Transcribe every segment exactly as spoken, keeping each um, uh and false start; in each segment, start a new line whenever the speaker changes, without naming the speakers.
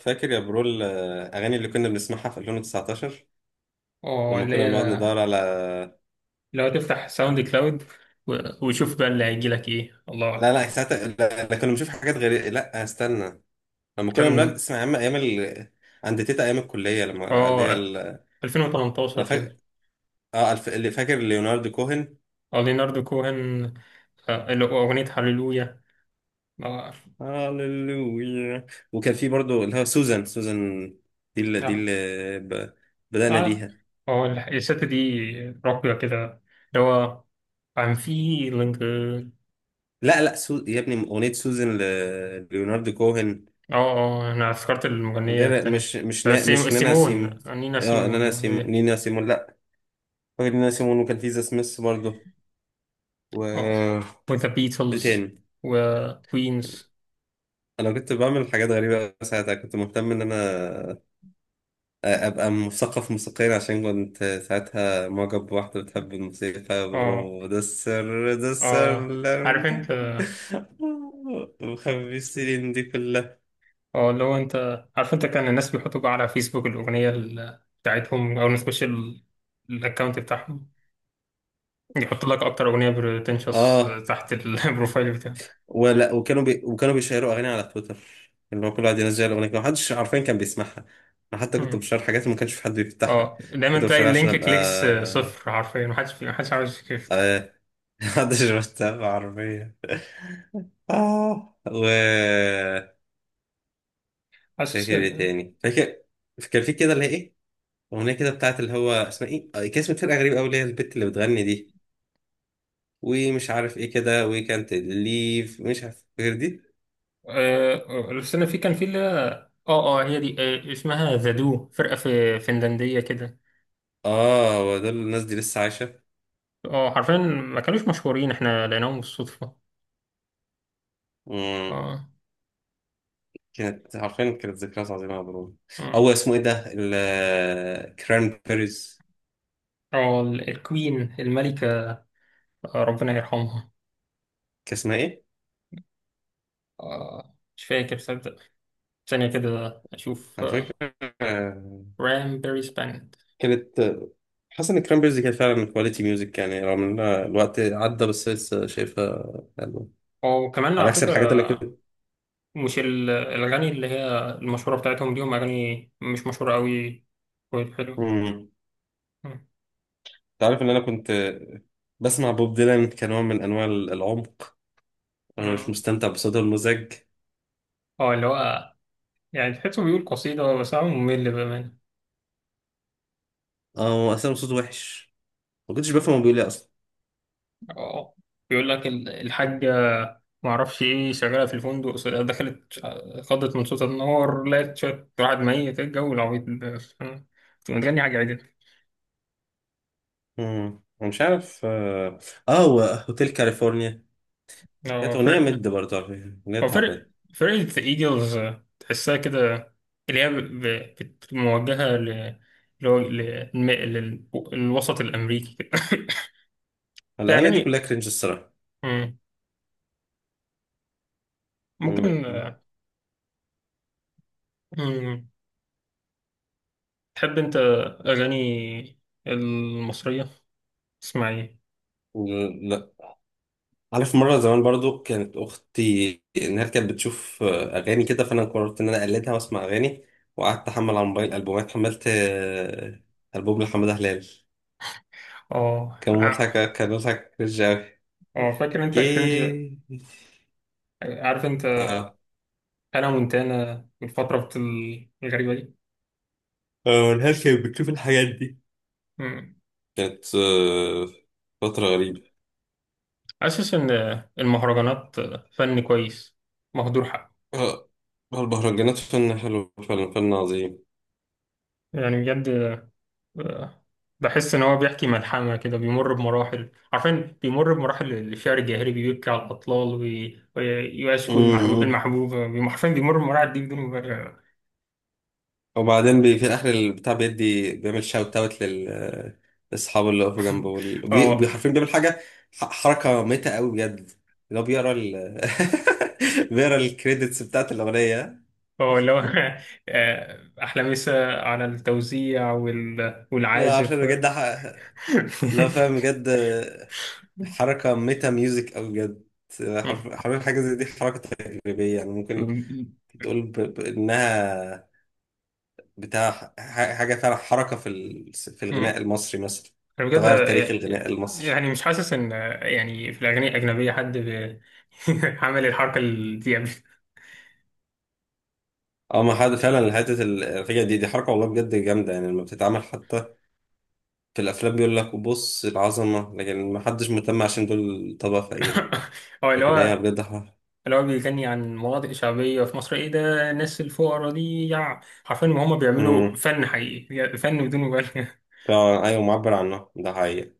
فاكر يا برول، آه، اغاني اللي كنا بنسمعها في ألفين وتسعتاشر.
اه
لما
اللي
كنا بنقعد
هي
ندور على.
لو تفتح ساوند كلاود و- وشوف بقى اللي هيجي لك ايه، الله
لا،
اعلم.
لا، ساعتها لا، لا كنا بنشوف حاجات غريبة. لا، استنى. لما كنا بنقعد
كان
نسمع ايام ايام ال... عند تيتا ايام الكلية، لما اللي هي
اه
ال... انا
ألفين وتمنتاشر
فاكر.
كده.
اه الف... اللي فاكر ليوناردو كوهن.
اه، ليناردو كوهن. آه، اللي هو اغنية هاليلويا. اه
هاليلويا. وكان في برضو اللي هو سوزان، سوزان. دي اللي دي
اه
اللي ب... بدأنا
اه
بيها.
آه، الست دي راقية كده، اللي هو I'm feeling good.
لا، لا، سو... يا ابني اغنية سوزان، ل... ليوناردو كوهن.
اه اه انا افتكرت المغنية
غير
التانية.
مش مش
آه،
نا...
سيم-
مش نانا
سيمون،
سيمو.
نينا
اه،
سيمون.
نانا سيمو، نينا سيمو، لا. فاكر ان انا سيمون، وكان في ذا سميث برضه. و.
اه، وذا
ايه
بيتلز
تاني؟
وكوينز.
انا كنت بعمل حاجات غريبه أوي ساعتها، كنت مهتم ان انا ابقى مثقف موسيقيا عشان كنت ساعتها معجب بواحده بتحب الموسيقى.
اه
برو، ده السر، ده السر.
اه
لا،
عارف
ده
انت.
مخبي السنين دي كلها.
اه اللي هو، انت عارف، انت كان الناس بيحطوا بقى على فيسبوك الاغنيه ال- بتاعتهم او نخش الاكونت بتاعهم، يحط لك اكتر اغنيه بتنشص
اه.
تحت ال- البروفايل بتاعه.
ولا وكانوا بي... وكانوا بيشيروا اغاني على تويتر. اللي هو كل واحد ينزل اغنيه محدش عارفين كان بيسمعها. انا حتى كنت
مم.
بشير حاجات ما كانش في حد بيفتحها.
اه دايما
كنت
تلاقي
بشيرها عشان
اللينك
ابقى
كليكس صفر حرفيا، محدش محدش عاوز يفتح.
آه، محدش متابع عربية. اه، و.
حاسس.
فاكر ايه تاني فاكر؟ كان في كده، اللي هي ايه. اغنية كده بتاعت اللي هو اسمها ايه، آه، كان اسم فرقة غريبة قوي اللي هي البت اللي بتغني دي. ومش عارف ايه كده، وي كانت ليف مش عارف غير دي.
آه، بس انا في كان في اللي هي- اه اه هي دي، آه، اسمها ذا دو، فرقه في فنلنديه كده.
اه، ودول الناس دي لسه عايشة.
اه، حرفيا ما كانوش مشهورين، احنا لقيناهم بالصدفه.
مم.
اه.
كانت عارفين، كانت ذكريات عظيمة يا برو. او اسمه ايه ده، الكران بيريز.
اه ال- الكوين، الملكة. آه، ربنا يرحمها.
كان اسمها ايه؟
آه، مش فاكر صدق. ثانية كده أشوف.
انا فاكر.
آه، رام بيري سبانت.
كانت. حاسس ان الكرامبرز كانت فعلا كواليتي ميوزك يعني، رغم ان الوقت عدى بس لسه شايفها حلوة.
وكمان
على
على
عكس الحاجات اللي
فكرة،
كنت.
مش ال- الأغاني اللي هي المشهورة بتاعتهم دي، هم أغاني مش مشهورة أوي. والحلو،
مم. تعرف ان انا كنت بسمع بوب ديلان كنوع من انواع العمق. انا مش مستمتع بصوته المزعج.
اه اللي هو، يعني تحسه بيقول قصيدة بس هو ممل بأمانة.
اه، هو اصلا صوته وحش. ما كنتش بفهم هو بيقول ايه اصلا.
اه بيقول لك ال- الحاجة، ما اعرفش ايه شغالة في الفندق، س- دخلت، آه، خضت من صوت النار، لقت شوية واحد ميت. إيه الجو العبيط ده؟ تبقى متغني حاجة عادي.
مم. أنا مش عارف. اه. آه، هو هوتيل كاليفورنيا. كانت
هو
اغنيه
فرق،
مد برضه على فكره، اغنيه
هو
تعبانه.
فرق، فرقة ايجلز. آه، تحسها كده اللي هي ب- ب- بت- موجهة ل، اللي هو ل- للم- لل- للوسط الأمريكي كده في
الاغاني دي
أغاني.
كلها كرنج الصراحه.
مم. ممكن. آه، مم. تحب أنت أغاني المصرية، تسمع ايه؟
مم. عارف مرة زمان برضو كانت أختي إنها كانت بتشوف آه، أغاني كده، فأنا قررت إن أنا أقلدها وأسمع أغاني. وقعدت أحمل على الموبايل ألبومات، حملت آه، ألبوم لحمادة هلال.
اه
كان مضحك، كان مضحك كرنج أوي.
اه فاكر انت كرنج.
كي-
عارف انت،
آه.
انا مونتانا والفترة الغريبة دي.
آه، هلال كانت بتشوف الحاجات دي.
مم.
كانت آه، فترة غريبة.
حاسس ان المهرجانات فن كويس مهدور حقه.
آه، المهرجانات فن حلو فعلا فن.
يعني بجد، آه، بحس ان هو بيحكي ملحمة كده، بيمر بمراحل، عارفين بيمر بمراحل الشعر الجاهلي، بيبكي على الأطلال وي- ويشكو المحبوب،
عظيم.
المحبوبة بي- حرفيا بيمر بمراحل دي بدون مبالغة.
وبعدين بي في اخر البتاع بيدي بيعمل شاوت اوت لل لاصحابه اللي وقفوا جنبه، وال- وبي-
اه.
وبي- حرفيا بيعمل حاجه. ح- حركه ميته قوي بجد. اللي هو بيقرا ال بيقرا الكريدتس بتاعت الاغنيه.
اه اللي هو آه، أحلامسة على التوزيع وال-
لا عارفين
والعازف.
بجد، ح- لا فاهم بجد. حركه ميتا ميوزك قوي بجد.
مم.
حرف- حرفيا حاجه زي دي حركه تجريبيه، يعني ممكن
مم.
تقول ب... بانها بتاع ح- حاجه فعلا حركه في ال... في
مم.
الغناء المصري مثلا.
انا بجد
تغير تاريخ الغناء المصري.
يعني مش حاسس ان، يعني في الاغاني الاجنبيه حد بي- عمل الحركه دي قبل.
اه، ما حد فعلا. حته الفكره دي، دي حركه والله بجد جامده، يعني لما بتتعمل حتى في الافلام بيقول لك بص العظمه، لكن ما حدش مهتم عشان دول طبقه فقيره.
هو اللي
لكن هي
هو
بجد حق.
اللي هو بيغني عن مناطق شعبيه في مصر. ايه ده، الناس الفقراء دي، يع حرفيا ما هم بيعملوا
امم
فن حقيقي، فن بدون مبالغه.
فعلا، ايوه معبر عنها، ده حقيقي.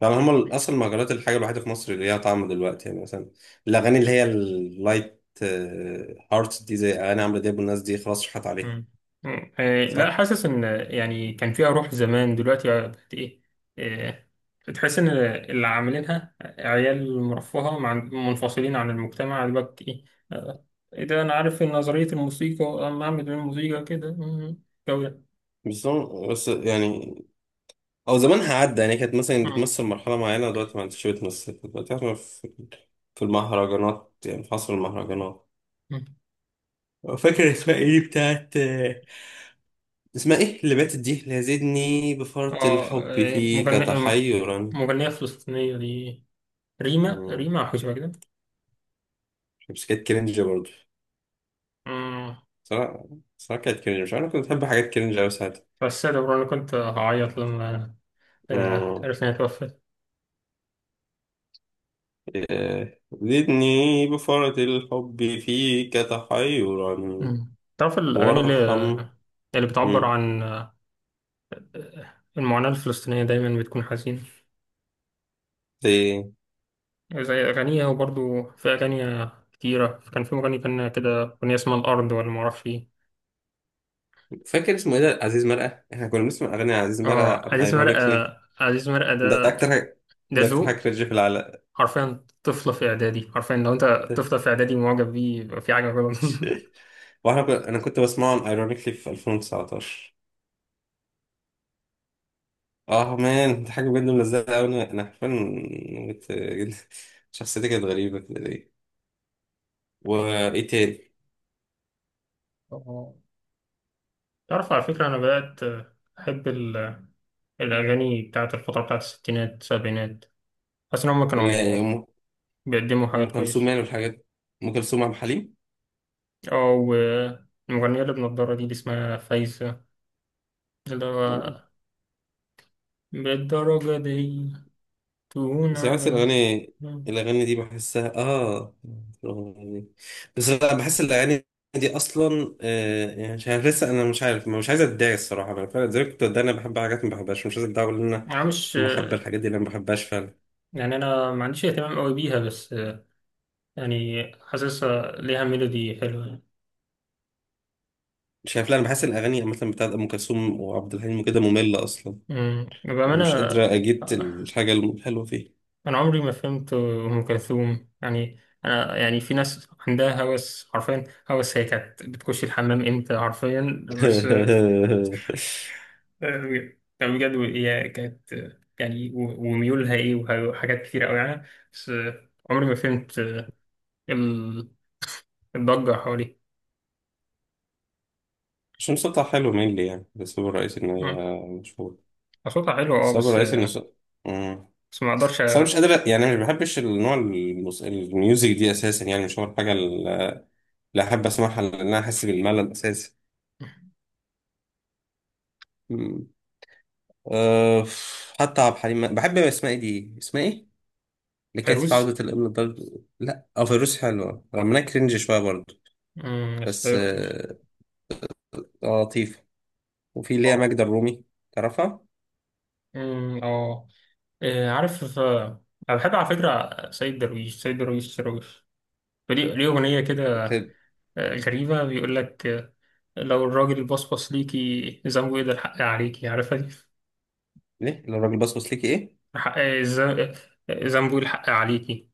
فعلا هما اصلا المهرجانات الحاجه الوحيده في مصر اللي ليها طعم دلوقتي، يعني مثلا الاغاني اللي هي اللايت هارت دي، زي اغاني عمرو دياب، والناس دي خلاص راحت عليها.
مم. مم. آه، لا
صح.
حاسس ان، يعني كان فيها روح زمان، دلوقتي بقت ايه. آه، بتحس ان اللي عاملينها عيال مرفهه، مع منفصلين عن المجتمع دلوقتي. ايه، آه، إيه ده، انا عارف ان نظريه الموسيقى، اما اعمل الموسيقى كده، مم، الجو ده.
بس هو- بس يعني او زمانها عدى، يعني كانت مثلا
مم.
بتمثل مرحله معينه دلوقتي ما عادش بتمثل. كانت دلوقتي احنا في في المهرجانات، يعني في عصر المهرجانات.
مم.
فاكر اسمها ايه بتاعت. اسمها ايه اللي باتت دي، اللي زدني
اه
بفرط الحب
آه،
فيك
مغنية،
تحيرا.
مغنية فلسطينية دي، ريما
مم.
ريما أو حاجة شبه كده.
بس كانت كرنج برضه.
مم.
صراحة. صراحة كانت كرنج، مش عارف كنت بحب حاجات كرنج أوي ساعتها.
بس ده برضه أنا كنت هعيط لما آه،
مم.
عرفت إنها توفت.
إيه. زدني بفرط الحب فيك تحيرا
مم. تعرف الأغاني اللي
وارحم.
اللي بتعبر عن المعاناة الفلسطينية دايما بتكون حزينة،
مم.
زي أغانيها. وبرضو في أغاني كتيرة، كان في مغني كان كده أغنية اسمها الأرض، ولا معرفش إيه.
فاكر اسمه ايه ده؟ عزيز مرقه. احنا كنا بنسمع اغاني عزيز
آه
مرقه ام
عزيز مرقة،
ايرونيكلي.
عزيز مرقة
ده
ده،
اكتر حاجه.
ده
ده اكتر حاجه
ذوق.
كرنج في العالم.
حرفيا طفلة في إعدادي، حرفيا لو أنت طفلة في إعدادي معجب بيه يبقى في حاجة غلط.
واحنا كنا... انا كنت بسمعه ام ايرونيكلي في ألفين وتسعتاشر. اه مان، دي حاجه بجد ملزقه قوي. انا انا حرفيا كنت- شخصيتي كانت غريبه كده ليه. وايه تاني؟
آه. تعرف على فكرة، أنا بدأت أحب ال- الأغاني بتاعت الفترة بتاعت الستينات السبعينات. حاسس إن هما
ال-
كانوا
ام
بيقدموا
أم
حاجات
كلثوم
كويسة.
يعني والحاجات. ام كلثوم، عبد الحليم.
اه، والمغنية اللي بنضارة دي اللي اسمها فايزة، اللي هو بالدرجة دي تهون
ساعات
علي.
الأغاني. الأغاني دي بحسها آه يعني. بس، لا، بحس الأغاني دي أصلا، آه يعني مش عارف. لسه أنا مش عارف، مش عايز أتضايق الصراحة. أنا فعلا زي ما كنت بتضايق، أنا بحب حاجات ما بحبهاش، مش عايز أتضايق أقول إن أنا
أنا مش
محب الحاجات دي اللي أنا ما بحبهاش فعلا.
يعني، أنا ما عنديش اهتمام قوي بيها، بس يعني حاسسها ليها ميلودي حلوة يعني.
مش عارف، لا، أنا بحس الأغاني مثلا بتاعت أم كلثوم وعبد الحليم وكده مملة أصلا.
أمم،
يعني مش
بأمانة
قادرة أجيب الحاجة الحلوة فيه.
أنا عمري ما فهمت أم كلثوم. يعني أنا، يعني في ناس عندها هوس حرفيا، هوس، هي كانت بتخش الحمام إمتى حرفيا. بس، آه، كان بجد هي كانت، يعني و- وميولها ايه وه- وحاجات كتير قوي يعني. بس عمري ما فهمت ال- الضجة حواليه.
مش مصطلح حلو مين لي يعني، بس هو الرئيسي إن
مم.
هي مشهورة.
صوتها حلو اه،
السبب
بس،
الرئيسي إن صوت-
بس ما اقدرش
بس انا
أ-
مش قادر يعني، انا ما بحبش النوع الموس- الميوزك دي اساسا، يعني مش هو الحاجه اللي احب اسمعها لان انا احس بالملل اساسا. مم. أه. حتى عبد الحليم، بحب اسمها ايه دي، اسمها ايه اللي كانت في عوده
فيروز.
الابن الضال. لا، اه، فيروز حلوه رغم انها كرنج شويه برضه.
مم، بس
بس
فيروز.
اه. آه، لطيفه. وفي اللي هي
اه.
ماجدة الرومي. تعرفها؟
مم، اه. إيه، عارف. آه، انا بحب على فكرة سيد درويش. سيد درويش درويش، فليه- ليه أغنية كده
بت-
آه، غريبة، بيقول لك، آه، لو الراجل بصبص ليكي، ذنبه ايه ده، الحق عليكي. عارفها دي؟
ليه لو الراجل بصبص ليكي ايه؟
حق ز- زنبول، حق عليكي.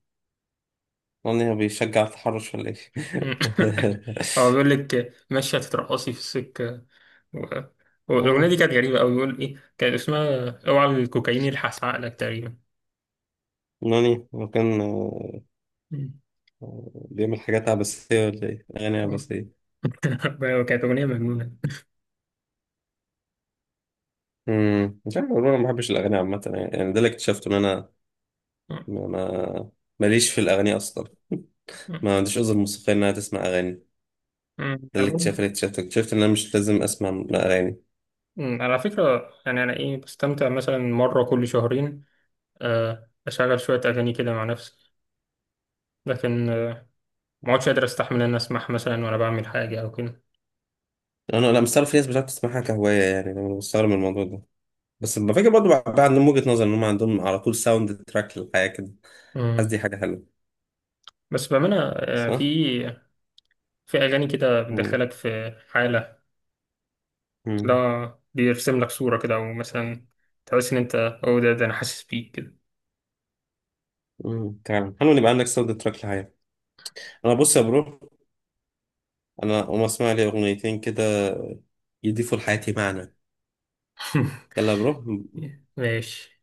نوني، هو بيشجع التحرش ولا ايه؟
هو بيقول لك ماشية تترقصي في السكة و... والأغنية
نوني.
دي كانت غريبة أوي، بيقول إيه، كانت اسمها اوعى الكوكايين يلحس عقلك تقريبا.
نوني، وكان
مم.
بيعمل حاجات عبثية ولا إيه؟ أغاني عبثية.
كانت أغنية مجنونة.
امم مش عارف والله. أنا ما بحبش الأغاني عامة، يعني يعني ده اللي اكتشفته إن أنا
مم.
ما ما- ماليش في الأغاني أصلا. ما عنديش أذن موسيقية إن أنا تسمع أغاني ده.
مم. أنا
اللي
برضه
اكتشفته اللي اكتشفته اكتشفت إن أنا مش لازم أسمع أغاني.
أمم، على فكرة يعني، أنا إيه، بستمتع مثلا مرة كل شهرين، آه، أشغل شوية أغاني كده مع نفسي. لكن آه، ما عدتش قادر أستحمل إن أسمعها مثلا وأنا بعمل حاجة أو كده.
أنا أنا مستغرب في ناس بتعرف تسمعها كهواية، يعني أنا مستغرب من الموضوع ده. بس بفكر برضه بقى عندهم وجهة نظر إن هم عندهم على طول ساوند تراك للحياة كده. حاسس دي
أمم.
حاجة حلوة.
بس بأمانة، آه، في،
صح؟
في أغاني كده
امم.
بتدخلك في حالة،
امم.
لا بيرسم لك صورة كده، أو مثلا تحس إن أنت، أو ده ده أنا حاسس بيك كده.
امم فعلا حلو إن يبقى عندك ساوند تراك للحياة. أنا، بص يا برو، انا اقوم اسمع لي اغنيتين كده يضيفوا لحياتي معنى. يلا يا برو.
ماشي.